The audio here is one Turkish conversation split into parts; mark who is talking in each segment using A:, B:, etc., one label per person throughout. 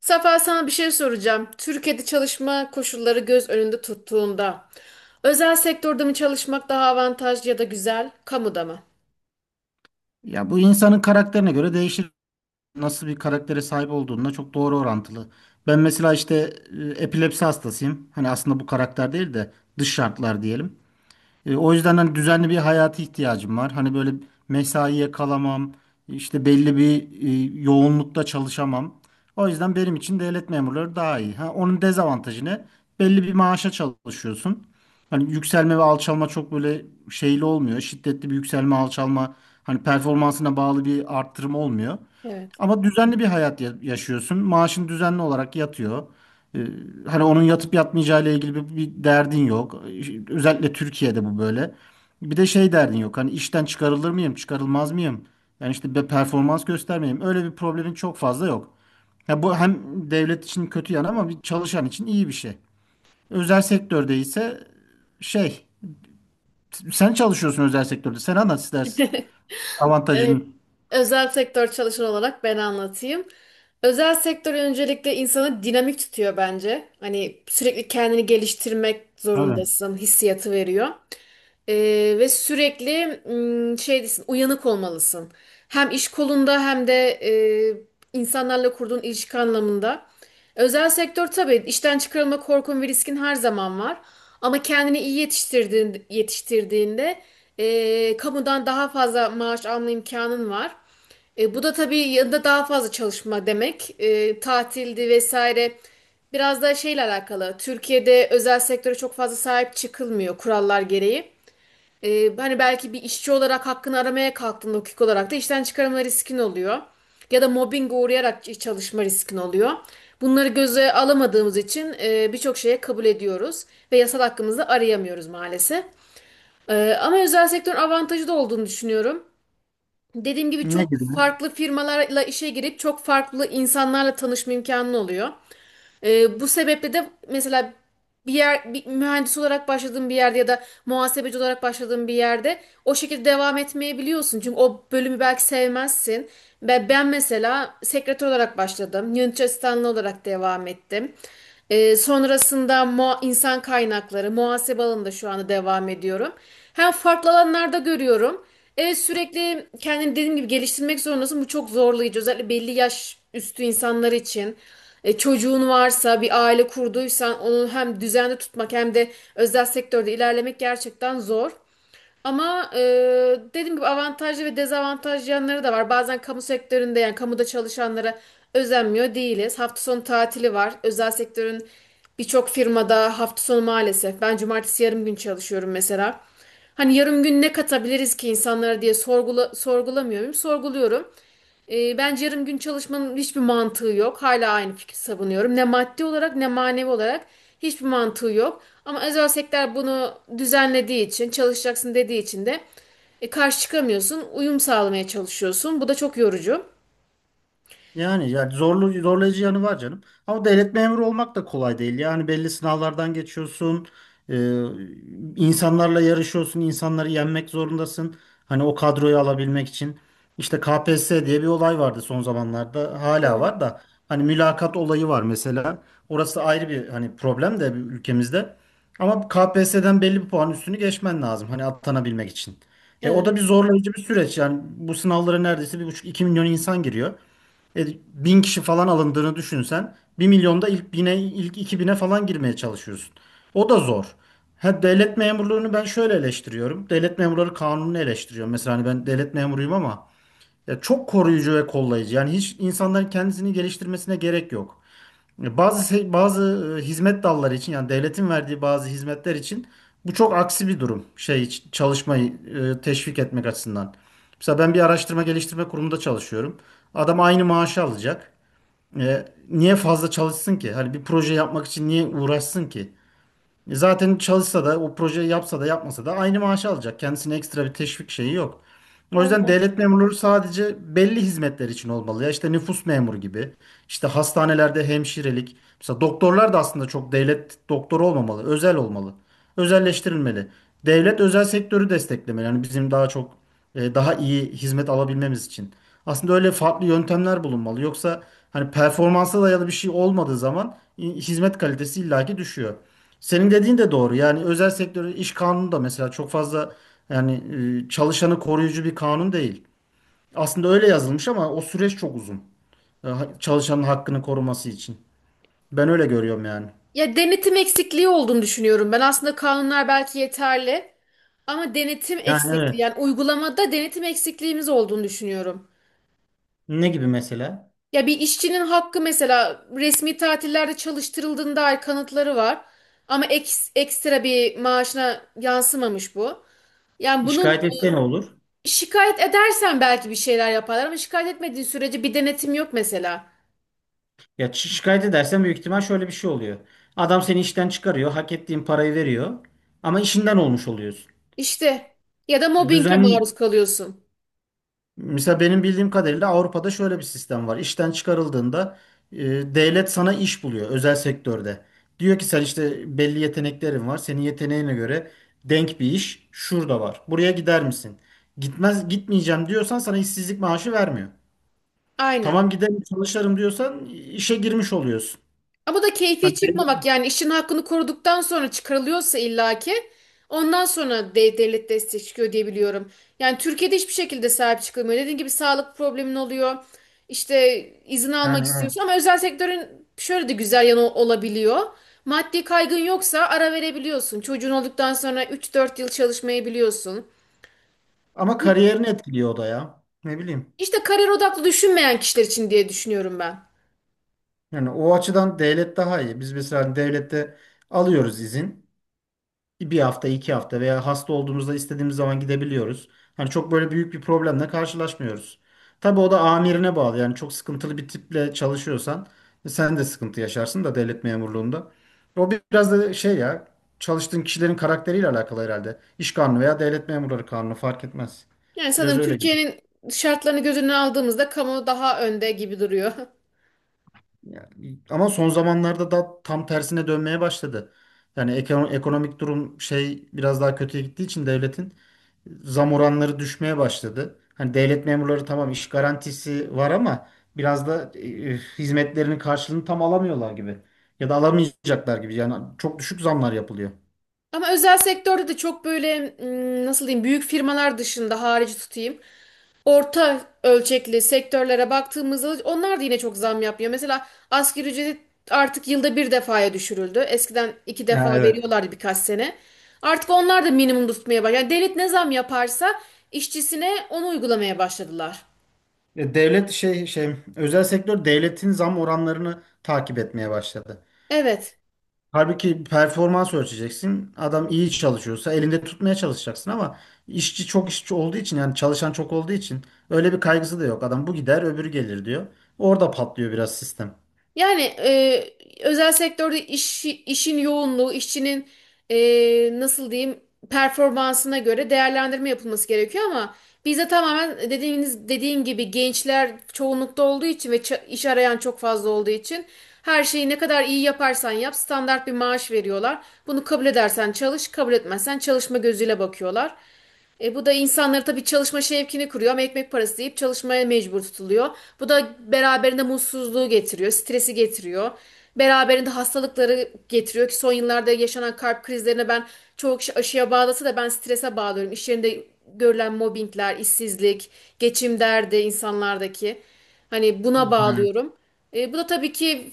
A: Safa sana bir şey soracağım. Türkiye'de çalışma koşulları göz önünde tuttuğunda özel sektörde mi çalışmak daha avantajlı ya da güzel, kamuda mı?
B: Ya bu insanın karakterine göre değişir. Nasıl bir karaktere sahip olduğuna çok doğru orantılı. Ben mesela işte epilepsi hastasıyım. Hani aslında bu karakter değil de dış şartlar diyelim. O yüzden hani düzenli bir hayata ihtiyacım var. Hani böyle mesaiye kalamam, işte belli bir yoğunlukta çalışamam. O yüzden benim için devlet memurları daha iyi. Ha, onun dezavantajı ne? Belli bir maaşa çalışıyorsun. Hani yükselme ve alçalma çok böyle şeyli olmuyor. Şiddetli bir yükselme, alçalma, hani performansına bağlı bir arttırım olmuyor.
A: Evet.
B: Ama düzenli bir hayat yaşıyorsun. Maaşın düzenli olarak yatıyor. Ee, Hani onun yatıp yatmayacağı ile ilgili bir derdin yok. Özellikle Türkiye'de bu böyle. Bir de şey derdin yok. Hani işten çıkarılır mıyım, çıkarılmaz mıyım? Yani işte bir performans göstermeyeyim. Öyle bir problemin çok fazla yok. Ya bu hem devlet için kötü yanı ama bir çalışan için iyi bir şey. Özel sektörde ise şey, sen çalışıyorsun özel sektörde. Sen anlat istersin.
A: Evet.
B: Avantajın.
A: Özel sektör çalışan olarak ben anlatayım. Özel sektör öncelikle insanı dinamik tutuyor bence. Hani sürekli kendini geliştirmek
B: Tabii.
A: zorundasın, hissiyatı veriyor. Ve sürekli şey desin, uyanık olmalısın. Hem iş kolunda hem de insanlarla kurduğun ilişki anlamında. Özel sektör tabii işten çıkarılma korkun ve riskin her zaman var. Ama kendini iyi yetiştirdiğinde kamudan daha fazla maaş alma imkanın var. Bu da tabii yanında daha fazla çalışma demek. Tatildi vesaire. Biraz da şeyle alakalı. Türkiye'de özel sektöre çok fazla sahip çıkılmıyor kurallar gereği. Hani belki bir işçi olarak hakkını aramaya kalktığında hukuk olarak da işten çıkarılma riskin oluyor. Ya da mobbing uğrayarak çalışma riskin oluyor. Bunları göze alamadığımız için birçok şeye kabul ediyoruz ve yasal hakkımızı arayamıyoruz maalesef. Ama özel sektörün avantajı da olduğunu düşünüyorum. Dediğim gibi
B: Ne
A: çok
B: gibi?
A: farklı firmalarla işe girip çok farklı insanlarla tanışma imkanı oluyor. Bu sebeple de mesela bir mühendis olarak başladığın bir yerde ya da muhasebeci olarak başladığın bir yerde o şekilde devam etmeyebiliyorsun. Çünkü o bölümü belki sevmezsin. Ben mesela sekreter olarak başladım. Yönetici asistanlığı olarak devam ettim. Sonrasında insan kaynakları, muhasebe alanında şu anda devam ediyorum. Hem farklı alanlarda görüyorum. Evet, sürekli kendini dediğim gibi geliştirmek zorundasın. Bu çok zorlayıcı. Özellikle belli yaş üstü insanlar için. Çocuğun varsa bir aile kurduysan onu hem düzenli tutmak hem de özel sektörde ilerlemek gerçekten zor. Ama dediğim gibi avantajlı ve dezavantajlı yanları da var. Bazen kamu sektöründe yani kamuda çalışanlara özenmiyor değiliz. Hafta sonu tatili var. Özel sektörün birçok firmada hafta sonu maalesef. Ben cumartesi yarım gün çalışıyorum mesela. Hani yarım gün ne katabiliriz ki insanlara diye sorgulamıyorum. Sorguluyorum. Bence yarım gün çalışmanın hiçbir mantığı yok. Hala aynı fikri savunuyorum. Ne maddi olarak ne manevi olarak hiçbir mantığı yok. Ama özel sektör bunu düzenlediği için, çalışacaksın dediği için de karşı çıkamıyorsun. Uyum sağlamaya çalışıyorsun. Bu da çok yorucu.
B: Yani zorlayıcı yanı var canım. Ama devlet memuru olmak da kolay değil. Yani belli sınavlardan geçiyorsun. e, insanlarla yarışıyorsun. İnsanları yenmek zorundasın. Hani o kadroyu alabilmek için. İşte KPSS diye bir olay vardı son zamanlarda. Hala
A: Evet.
B: var da. Hani mülakat olayı var mesela. Orası ayrı bir hani problem de ülkemizde. Ama KPSS'den belli bir puan üstünü geçmen lazım. Hani atanabilmek için. O da
A: Evet.
B: zorlayıcı bir süreç. Yani bu sınavlara neredeyse 1,5 2 milyon insan giriyor. E, Bin kişi falan alındığını düşünsen 1.000.000'da ilk 1.000'e ilk 2.000'e falan girmeye çalışıyorsun. O da zor. Ha, devlet memurluğunu ben şöyle eleştiriyorum. Devlet memurları kanununu eleştiriyorum. Mesela hani ben devlet memuruyum ama ya çok koruyucu ve kollayıcı. Yani hiç insanların kendisini geliştirmesine gerek yok. Bazı bazı hizmet dalları için yani devletin verdiği bazı hizmetler için bu çok aksi bir durum. Şey çalışmayı teşvik etmek açısından. Mesela ben bir araştırma geliştirme kurumunda çalışıyorum. Adam aynı maaşı alacak. Niye fazla çalışsın ki? Hani bir proje yapmak için niye uğraşsın ki? Zaten çalışsa da o projeyi yapsa da yapmasa da aynı maaşı alacak. Kendisine ekstra bir teşvik şeyi yok. O yüzden devlet memurları sadece belli hizmetler için olmalı. Ya işte nüfus memuru gibi, işte hastanelerde hemşirelik. Mesela doktorlar da aslında çok devlet doktoru olmamalı, özel olmalı. Özelleştirilmeli. Devlet özel sektörü desteklemeli. Yani bizim daha çok daha iyi hizmet alabilmemiz için. Aslında öyle farklı yöntemler bulunmalı. Yoksa hani performansa dayalı bir şey olmadığı zaman hizmet kalitesi illaki düşüyor. Senin dediğin de doğru. Yani özel sektörün iş kanunu da mesela çok fazla yani çalışanı koruyucu bir kanun değil. Aslında öyle yazılmış ama o süreç çok uzun. Çalışanın hakkını koruması için. Ben öyle görüyorum yani.
A: Ya, denetim eksikliği olduğunu düşünüyorum. Ben aslında kanunlar belki yeterli ama denetim
B: Yani
A: eksikliği
B: evet.
A: yani uygulamada denetim eksikliğimiz olduğunu düşünüyorum.
B: Ne gibi mesela?
A: Ya bir işçinin hakkı mesela resmi tatillerde çalıştırıldığına dair kanıtları var. Ama ekstra bir maaşına yansımamış bu. Yani bunun
B: Şikayet etse ne olur?
A: şikayet edersen belki bir şeyler yaparlar, ama şikayet etmediğin sürece bir denetim yok mesela.
B: Ya şikayet edersen büyük ihtimal şöyle bir şey oluyor. Adam seni işten çıkarıyor, hak ettiğin parayı veriyor ama işinden olmuş oluyorsun.
A: İşte ya da mobbinge
B: Düzen
A: maruz kalıyorsun.
B: mesela benim bildiğim kadarıyla Avrupa'da şöyle bir sistem var. İşten çıkarıldığında e, devlet sana iş buluyor özel sektörde. Diyor ki sen işte belli yeteneklerin var. Senin yeteneğine göre denk bir iş şurada var. Buraya gider misin? Gitmez gitmeyeceğim diyorsan sana işsizlik maaşı vermiyor.
A: Aynen.
B: Tamam giderim çalışırım diyorsan işe girmiş oluyorsun.
A: Ama bu da keyfi
B: Hani
A: çıkmamak
B: belli-
A: yani işin hakkını koruduktan sonra çıkarılıyorsa illaki ondan sonra devlet desteği çıkıyor diye biliyorum. Yani Türkiye'de hiçbir şekilde sahip çıkılmıyor. Dediğim gibi sağlık problemin oluyor. İşte izin almak
B: yani evet.
A: istiyorsun ama özel sektörün şöyle de güzel yanı olabiliyor. Maddi kaygın yoksa ara verebiliyorsun. Çocuğun olduktan sonra 3-4 yıl çalışmayabiliyorsun.
B: Ama kariyerini etkiliyor o da ya. Ne bileyim.
A: İşte kariyer odaklı düşünmeyen kişiler için diye düşünüyorum ben.
B: Yani o açıdan devlet daha iyi. Biz mesela devlette alıyoruz izin. Bir hafta, iki hafta veya hasta olduğumuzda istediğimiz zaman gidebiliyoruz. Hani çok böyle büyük bir problemle karşılaşmıyoruz. Tabii o da amirine bağlı. Yani çok sıkıntılı bir tiple çalışıyorsan sen de sıkıntı yaşarsın da devlet memurluğunda. O biraz da şey ya çalıştığın kişilerin karakteriyle alakalı herhalde. İş kanunu veya devlet memurları kanunu fark etmez.
A: Yani
B: Biraz
A: sanırım
B: öyle gibi.
A: Türkiye'nin şartlarını göz önüne aldığımızda kamu daha önde gibi duruyor.
B: Ya, ama son zamanlarda da tam tersine dönmeye başladı. Yani ekonomik durum şey biraz daha kötüye gittiği için devletin zam oranları düşmeye başladı. Hani devlet memurları tamam iş garantisi var ama biraz da hizmetlerinin karşılığını tam alamıyorlar gibi. Ya da alamayacaklar gibi. Yani çok düşük zamlar yapılıyor.
A: Ama özel sektörde de çok böyle nasıl diyeyim, büyük firmalar dışında harici tutayım. Orta ölçekli sektörlere baktığımızda onlar da yine çok zam yapmıyor. Mesela asgari ücret artık yılda bir defaya düşürüldü. Eskiden iki defa
B: Ha, evet.
A: veriyorlardı birkaç sene. Artık onlar da minimum tutmaya başladı. Yani devlet ne zam yaparsa işçisine onu uygulamaya başladılar.
B: Devlet özel sektör devletin zam oranlarını takip etmeye başladı.
A: Evet.
B: Halbuki performans ölçeceksin. Adam iyi çalışıyorsa elinde tutmaya çalışacaksın ama işçi olduğu için yani çalışan çok olduğu için öyle bir kaygısı da yok. Adam bu gider öbürü gelir diyor. Orada patlıyor biraz sistem.
A: Yani özel sektörde işin yoğunluğu, işçinin e, nasıl diyeyim, performansına göre değerlendirme yapılması gerekiyor ama bizde tamamen dediğim gibi gençler çoğunlukta olduğu için ve iş arayan çok fazla olduğu için her şeyi ne kadar iyi yaparsan yap standart bir maaş veriyorlar. Bunu kabul edersen çalış, kabul etmezsen çalışma gözüyle bakıyorlar. Bu da insanları tabii çalışma şevkini kuruyor ama ekmek parası deyip çalışmaya mecbur tutuluyor. Bu da beraberinde mutsuzluğu getiriyor, stresi getiriyor. Beraberinde hastalıkları getiriyor ki son yıllarda yaşanan kalp krizlerine ben, çoğu kişi aşıya bağlasa da ben strese bağlıyorum. İş yerinde görülen mobbingler, işsizlik, geçim derdi insanlardaki. Hani buna
B: Yani,
A: bağlıyorum. Bu da tabii ki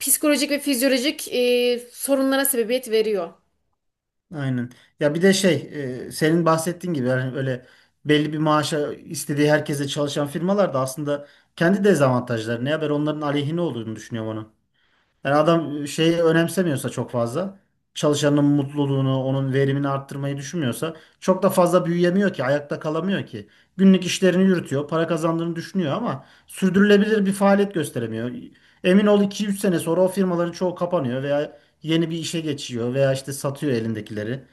A: psikolojik ve fizyolojik sorunlara sebebiyet veriyor.
B: aynen. Ya bir de şey senin bahsettiğin gibi yani öyle belli bir maaşa istediği herkese çalışan firmalar da aslında kendi dezavantajları ne haber onların aleyhine olduğunu düşünüyorum. Yani adam şeyi önemsemiyorsa çok fazla çalışanın mutluluğunu, onun verimini arttırmayı düşünmüyorsa çok da fazla büyüyemiyor ki, ayakta kalamıyor ki. Günlük işlerini yürütüyor, para kazandığını düşünüyor ama sürdürülebilir bir faaliyet gösteremiyor. Emin ol iki üç sene sonra o firmaların çoğu kapanıyor veya yeni bir işe geçiyor veya işte satıyor elindekileri.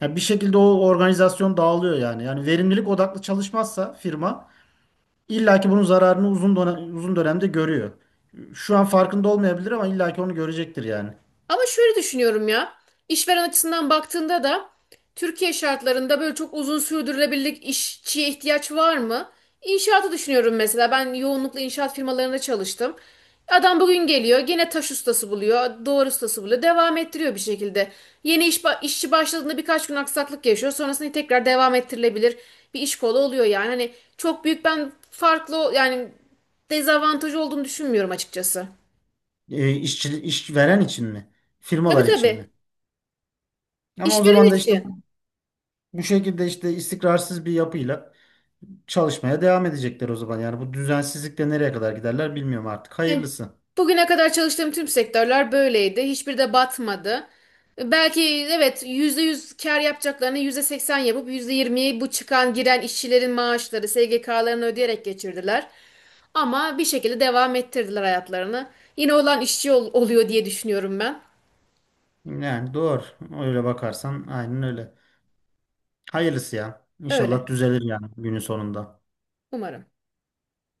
B: Yani bir şekilde o organizasyon dağılıyor yani. Yani verimlilik odaklı çalışmazsa firma İlla ki bunun zararını uzun dönemde görüyor. Şu an farkında olmayabilir ama illa ki onu görecektir yani.
A: Ama şöyle düşünüyorum ya. İşveren açısından baktığında da Türkiye şartlarında böyle çok uzun sürdürülebilirlik işçiye ihtiyaç var mı? İnşaatı düşünüyorum mesela. Ben yoğunlukla inşaat firmalarında çalıştım. Adam bugün geliyor, gene taş ustası buluyor, doğru ustası buluyor, devam ettiriyor bir şekilde. Yeni işçi başladığında birkaç gün aksaklık yaşıyor, sonrasında tekrar devam ettirilebilir bir iş kolu oluyor yani. Hani çok büyük ben farklı yani dezavantajı olduğunu düşünmüyorum açıkçası.
B: İşçi, iş veren için mi?
A: Tabii,
B: Firmalar için
A: tabii.
B: mi? Ama o zaman
A: İşveren
B: da işte
A: için.
B: bu şekilde işte istikrarsız bir yapıyla çalışmaya devam edecekler o zaman. Yani bu düzensizlikle nereye kadar giderler bilmiyorum artık.
A: Yani
B: Hayırlısı.
A: bugüne kadar çalıştığım tüm sektörler böyleydi. Hiçbiri de batmadı. Belki evet, %100 kar yapacaklarını %80 yapıp %20'yi bu çıkan giren işçilerin maaşları, SGK'larını ödeyerek geçirdiler. Ama bir şekilde devam ettirdiler hayatlarını. Yine olan işçi oluyor diye düşünüyorum ben.
B: Yani doğru. Öyle bakarsan aynen öyle. Hayırlısı ya. İnşallah
A: Öyle.
B: düzelir yani günün sonunda.
A: Umarım.